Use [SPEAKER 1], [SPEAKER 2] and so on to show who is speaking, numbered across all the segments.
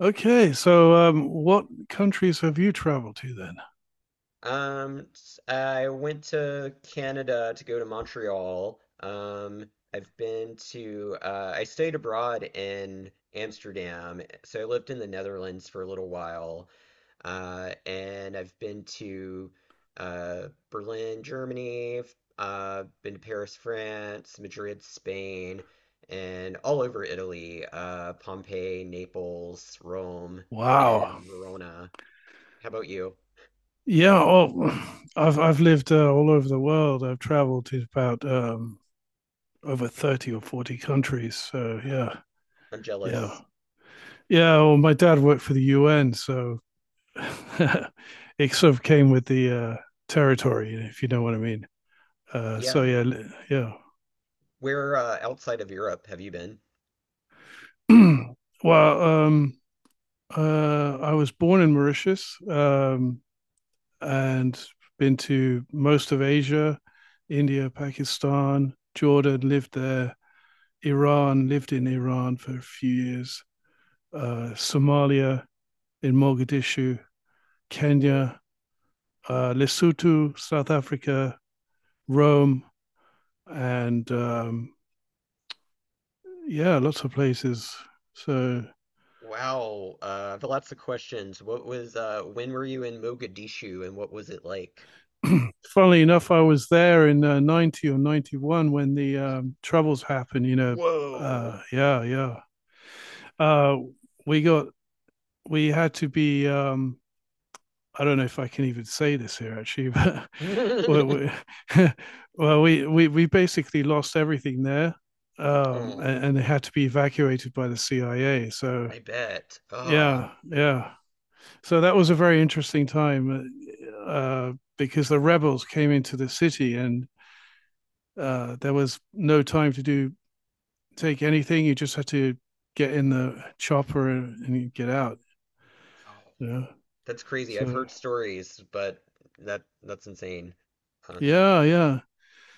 [SPEAKER 1] What countries have you traveled to then?
[SPEAKER 2] I went to Canada to go to Montreal. I've been to, I stayed abroad in Amsterdam. So I lived in the Netherlands for a little while. And I've been to, Berlin, Germany, been to Paris, France, Madrid, Spain, and all over Italy, Pompeii, Naples, Rome, and
[SPEAKER 1] Wow.
[SPEAKER 2] Verona. How about you?
[SPEAKER 1] Yeah, oh, I've lived all over the world. I've traveled to about over 30 or 40 countries. So
[SPEAKER 2] Wow. I'm
[SPEAKER 1] yeah,
[SPEAKER 2] jealous.
[SPEAKER 1] yeah. Well, my dad worked for the UN, so it sort of came with the territory, if you know what I mean. Uh,
[SPEAKER 2] Yeah.
[SPEAKER 1] so yeah,
[SPEAKER 2] Where outside of Europe have you been?
[SPEAKER 1] yeah. well, um, I was born in Mauritius, and been to most of Asia, India, Pakistan, Jordan. Lived there. Iran, lived in Iran for a few years, Somalia, in Mogadishu,
[SPEAKER 2] Whoa.
[SPEAKER 1] Kenya, Lesotho, South Africa, Rome, and yeah, lots of places. So,
[SPEAKER 2] Wow. I've lots of questions. What was when were you in Mogadishu and what was it like?
[SPEAKER 1] funnily enough, I was there in 90 or 91 when the troubles happened, you know.
[SPEAKER 2] Whoa.
[SPEAKER 1] Uh, yeah, yeah. Uh, we got, we had to be I don't know if I can even say this here, actually, but well, we, we basically lost everything there,
[SPEAKER 2] Oh,
[SPEAKER 1] and they had to be evacuated by the CIA. So
[SPEAKER 2] I bet. Oh,
[SPEAKER 1] yeah, yeah. So that was a very interesting time uh, uh, because the rebels came into the city, and there was no time to do, take anything. You just had to get in the chopper and get out.
[SPEAKER 2] wow.
[SPEAKER 1] Yeah.
[SPEAKER 2] That's crazy. I've
[SPEAKER 1] So
[SPEAKER 2] heard stories, but that's insane. Um,
[SPEAKER 1] yeah, yeah.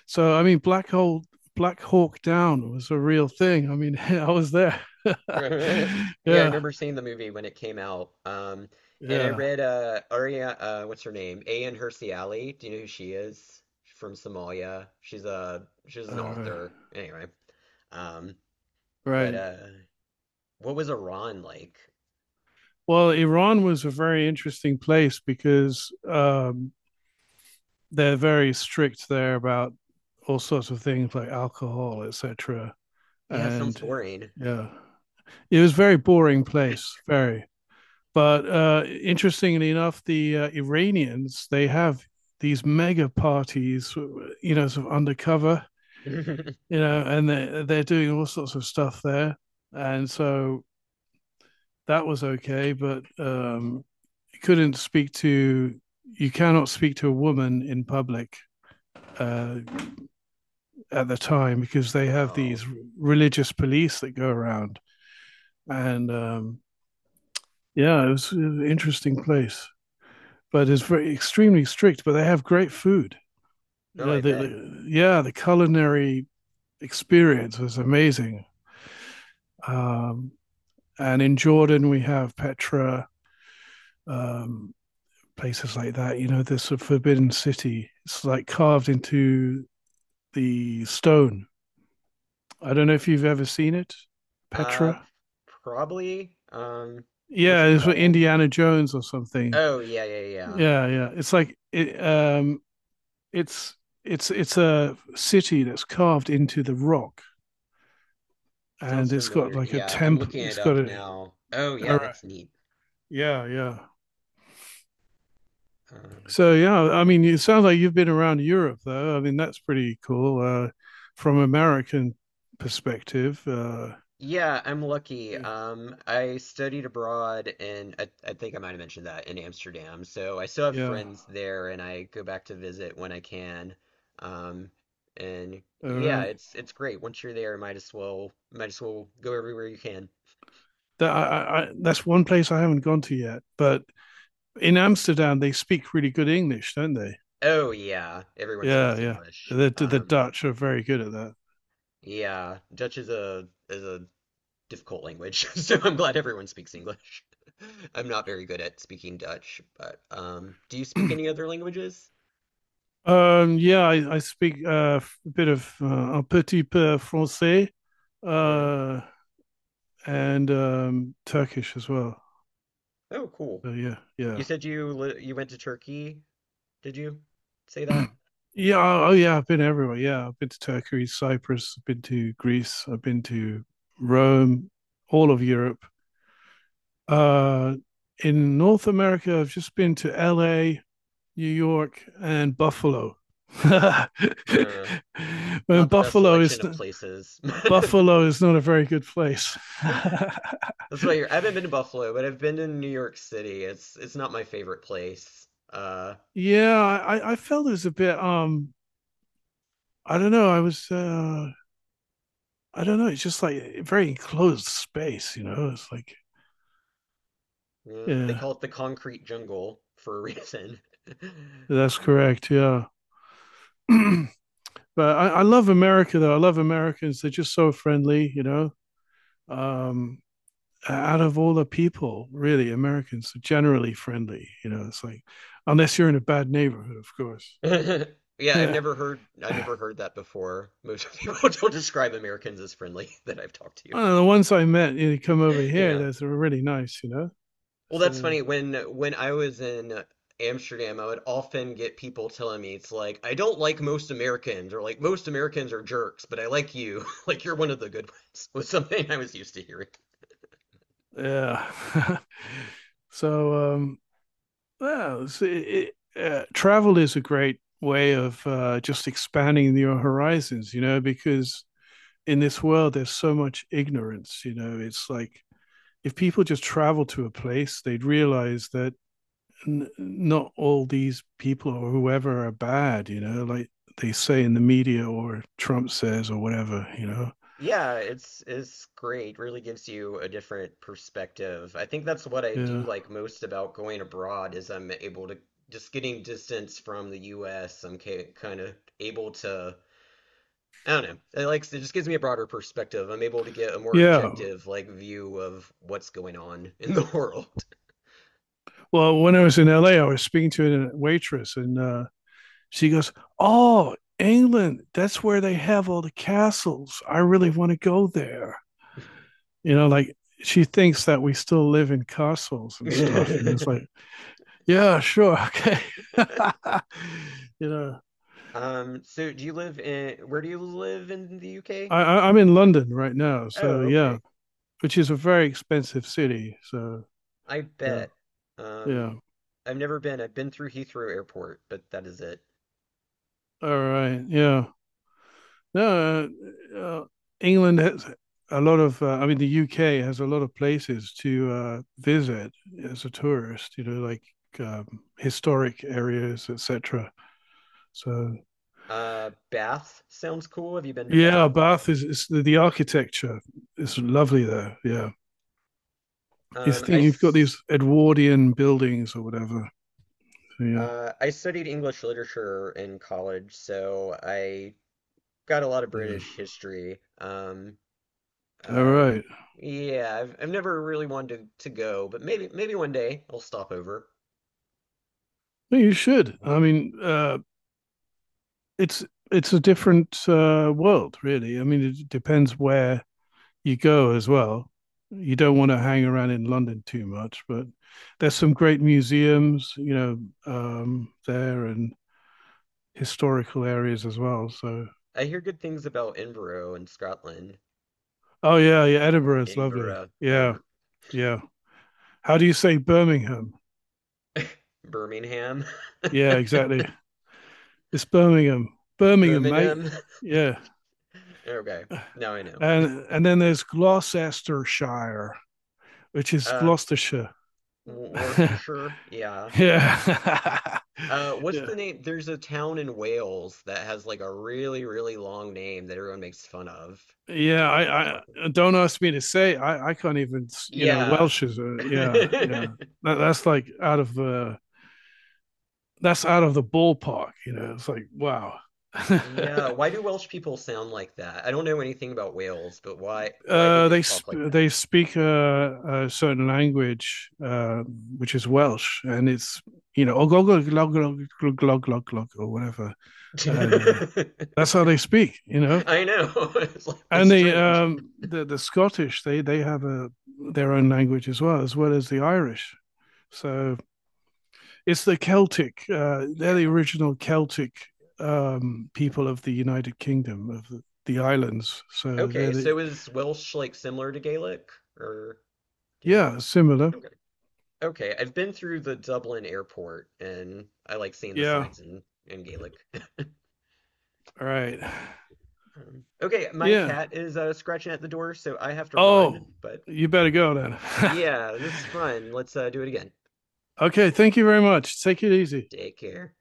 [SPEAKER 1] So I mean, Black Hawk Down was a real thing. I mean, I was there.
[SPEAKER 2] Yeah, I
[SPEAKER 1] Yeah,
[SPEAKER 2] remember seeing the movie when it came out. And I
[SPEAKER 1] yeah.
[SPEAKER 2] read Aria what's her name? Ayaan Hirsi Ali. Do you know who she is? She's from Somalia. She's an
[SPEAKER 1] All right.
[SPEAKER 2] author. Anyway. Um, but
[SPEAKER 1] Right.
[SPEAKER 2] uh what was Iran like?
[SPEAKER 1] Well, Iran was a very interesting place because they're very strict there about all sorts of things like alcohol, etc.
[SPEAKER 2] Yeah, sounds
[SPEAKER 1] And
[SPEAKER 2] boring.
[SPEAKER 1] yeah, it was a very boring place. Very. But interestingly enough, the Iranians, they have these mega parties, you know, sort of undercover, you know, and they're doing all sorts of stuff there, and so that was okay, but you couldn't speak to you cannot speak to a woman in public uh, at the time, because they have
[SPEAKER 2] Wow.
[SPEAKER 1] these religious police that go around, and yeah, it was an interesting place, but it's very extremely strict. But they have great food.
[SPEAKER 2] Oh, I bet.
[SPEAKER 1] Yeah, the culinary experience was amazing. Um, and in Jordan, we have Petra, um, places like that. You know, this Forbidden City. It's like carved into the stone. I don't know if you've ever seen it,
[SPEAKER 2] Uh
[SPEAKER 1] Petra.
[SPEAKER 2] Probably what's
[SPEAKER 1] Yeah,
[SPEAKER 2] it
[SPEAKER 1] it's for
[SPEAKER 2] called?
[SPEAKER 1] Indiana Jones or something.
[SPEAKER 2] Oh, yeah, yeah, yeah.
[SPEAKER 1] Yeah, yeah. It's like it, it's it's a city that's carved into the rock, and
[SPEAKER 2] Sounds
[SPEAKER 1] it's got
[SPEAKER 2] familiar.
[SPEAKER 1] like a
[SPEAKER 2] Yeah, I'm
[SPEAKER 1] temp.
[SPEAKER 2] looking it
[SPEAKER 1] It's got
[SPEAKER 2] up now. Oh, yeah,
[SPEAKER 1] a
[SPEAKER 2] that's neat.
[SPEAKER 1] Yeah, yeah.
[SPEAKER 2] Um.
[SPEAKER 1] So yeah, I mean, it sounds like you've been around Europe, though. I mean, that's pretty cool from American perspective.
[SPEAKER 2] Yeah, I'm lucky.
[SPEAKER 1] Yeah,
[SPEAKER 2] I studied abroad and I think I might have mentioned that in Amsterdam. So I still have
[SPEAKER 1] yeah.
[SPEAKER 2] friends there and I go back to visit when I can. Um, and
[SPEAKER 1] All
[SPEAKER 2] yeah,
[SPEAKER 1] right.
[SPEAKER 2] it's great. Once you're there, might as well go everywhere you can.
[SPEAKER 1] That's one place I haven't gone to yet. But in Amsterdam, they speak really good English, don't they?
[SPEAKER 2] Oh yeah, everyone
[SPEAKER 1] Yeah,
[SPEAKER 2] speaks
[SPEAKER 1] yeah.
[SPEAKER 2] English.
[SPEAKER 1] The Dutch are very good at that.
[SPEAKER 2] Yeah, Dutch is a difficult language, so I'm glad everyone speaks English. I'm not very good at speaking Dutch, but do you speak any other languages?
[SPEAKER 1] Yeah, I speak a bit of un petit peu français,
[SPEAKER 2] Yeah.
[SPEAKER 1] uh, and Turkish as well.
[SPEAKER 2] Oh, cool.
[SPEAKER 1] So yeah, yeah.
[SPEAKER 2] You went to Turkey, did you say that?
[SPEAKER 1] Yeah. Oh, oh, yeah. I've been everywhere. Yeah. I've been to Turkey, Cyprus. I've been to Greece. I've been to Rome, all of Europe. Uh, in North America, I've just been to LA, New York, and Buffalo. And
[SPEAKER 2] Uh, not the best
[SPEAKER 1] Buffalo is
[SPEAKER 2] selection of places.
[SPEAKER 1] Buffalo is not a very good place.
[SPEAKER 2] That's why you're, I haven't been to Buffalo, but I've been to New York City. It's not my favorite place. Uh,
[SPEAKER 1] Yeah, I felt it was a bit. I don't know. I was. I don't know. It's just like a very enclosed space. You know, it's like
[SPEAKER 2] yeah, they
[SPEAKER 1] yeah,
[SPEAKER 2] call it the concrete jungle for a reason.
[SPEAKER 1] that's correct. Yeah. But I love America, though. I love Americans. They're just so friendly, you know. Um, Out of all the people, really, Americans are generally friendly. You know, it's like, unless you're in a bad neighborhood, of course.
[SPEAKER 2] Yeah, I've
[SPEAKER 1] One
[SPEAKER 2] never heard I've never heard that before. Most people don't describe Americans as friendly that I've talked to.
[SPEAKER 1] of the ones I met, you know, come over here,
[SPEAKER 2] Yeah.
[SPEAKER 1] those are really nice, you know.
[SPEAKER 2] Well, that's
[SPEAKER 1] So,
[SPEAKER 2] funny. When I was in Amsterdam, I would often get people telling me it's like, I don't like most Americans, or like most Americans are jerks, but I like you. Like you're one of the good ones, was something I was used to hearing.
[SPEAKER 1] yeah. so, um, well, it's- it, Travel is a great way of just expanding your horizons, you know, because in this world there's so much ignorance, you know. It's like, if people just travel to a place, they'd realize that not all these people or whoever are bad, you know, like they say in the media, or Trump says, or whatever, you know.
[SPEAKER 2] Yeah, it's great. Really gives you a different perspective. I think that's what I do
[SPEAKER 1] Yeah,
[SPEAKER 2] like most about going abroad is I'm able to just getting distance from the US. Kind of able to I don't know. It, like, it just gives me a broader perspective. I'm able to get a more
[SPEAKER 1] yeah.
[SPEAKER 2] objective, like, view of what's going on in the world.
[SPEAKER 1] Well, when I was in LA, I was speaking to a waitress, and she goes, oh, England, that's where they have all the castles, I really want to go there. You know, like, she thinks that we still live in castles and stuff. And it's like, yeah, sure, okay. You know,
[SPEAKER 2] So do where do you live in the UK?
[SPEAKER 1] I'm in London right now, so
[SPEAKER 2] Oh,
[SPEAKER 1] yeah,
[SPEAKER 2] okay.
[SPEAKER 1] which is a very expensive city. So
[SPEAKER 2] I
[SPEAKER 1] yeah,
[SPEAKER 2] bet. Um,
[SPEAKER 1] yeah,
[SPEAKER 2] I've never been. I've been through Heathrow Airport, but that is it.
[SPEAKER 1] all right, yeah. No, uh, uh, England has a lot of. I mean, the UK has a lot of places to visit as a tourist. You know, like, um, historic areas, etc. So
[SPEAKER 2] Bath sounds cool. Have you been to
[SPEAKER 1] yeah,
[SPEAKER 2] Bath?
[SPEAKER 1] Bath is, it's the architecture is lovely there. Yeah, you
[SPEAKER 2] Um, I,
[SPEAKER 1] think you've got
[SPEAKER 2] s-
[SPEAKER 1] these Edwardian buildings or whatever. So, yeah,
[SPEAKER 2] I studied English literature in college, so I got a lot of
[SPEAKER 1] yeah.
[SPEAKER 2] British history.
[SPEAKER 1] All
[SPEAKER 2] Uh,
[SPEAKER 1] right,
[SPEAKER 2] yeah, I've never really wanted to go, but maybe one day I'll stop over.
[SPEAKER 1] well, you should. I mean, it's it's a different world, really. I mean, it depends where you go as well. You don't want to hang around in London too much, but there's some great museums, you know, there, and historical areas as well. So,
[SPEAKER 2] I hear good things about Edinburgh in Scotland.
[SPEAKER 1] oh yeah, yeah, Edinburgh is lovely.
[SPEAKER 2] Edinburgh,
[SPEAKER 1] Yeah,
[SPEAKER 2] however,
[SPEAKER 1] yeah. How do you say Birmingham?
[SPEAKER 2] Birmingham,
[SPEAKER 1] Yeah, exactly. It's Birmingham. Birmingham, mate.
[SPEAKER 2] Birmingham.
[SPEAKER 1] Yeah.
[SPEAKER 2] Okay, now I know.
[SPEAKER 1] And then there's Gloucestershire, which is
[SPEAKER 2] Uh,
[SPEAKER 1] Gloucestershire.
[SPEAKER 2] W- Worcestershire, yeah.
[SPEAKER 1] Yeah.
[SPEAKER 2] What's
[SPEAKER 1] Yeah,
[SPEAKER 2] the name? There's a town in Wales that has like a really long name that everyone makes fun of. Do you
[SPEAKER 1] Yeah,
[SPEAKER 2] know what I'm talking?
[SPEAKER 1] I don't, ask me to say. I can't even, you know,
[SPEAKER 2] Yeah.
[SPEAKER 1] Welsh is a yeah, yeah. That's like out of that's out of the ballpark. You know, it's like, wow.
[SPEAKER 2] Yeah, why do Welsh people sound like that? I don't know anything about Wales, but why do they talk like that?
[SPEAKER 1] They speak a certain language, which is Welsh, and it's, you know, ogogo glog glog glog or whatever, and that's how they speak, you know.
[SPEAKER 2] I know. It's like it's
[SPEAKER 1] And the
[SPEAKER 2] strange.
[SPEAKER 1] the Scottish, they have a their own language, as well as well as the Irish, so it's the Celtic. They're the
[SPEAKER 2] Yeah.
[SPEAKER 1] original Celtic people of the United Kingdom, of the islands. So they're
[SPEAKER 2] Okay,
[SPEAKER 1] the
[SPEAKER 2] so is Welsh like similar to Gaelic or do you know?
[SPEAKER 1] yeah similar
[SPEAKER 2] Okay. Okay, I've been through the Dublin airport and I like seeing the
[SPEAKER 1] yeah
[SPEAKER 2] signs in Gaelic.
[SPEAKER 1] All right.
[SPEAKER 2] Okay, my
[SPEAKER 1] Yeah.
[SPEAKER 2] cat is scratching at the door, so I have to
[SPEAKER 1] Oh,
[SPEAKER 2] run, but
[SPEAKER 1] you better go then.
[SPEAKER 2] yeah, this is fun. Let's do it again.
[SPEAKER 1] Okay. Thank you very much. Take it easy.
[SPEAKER 2] Take care.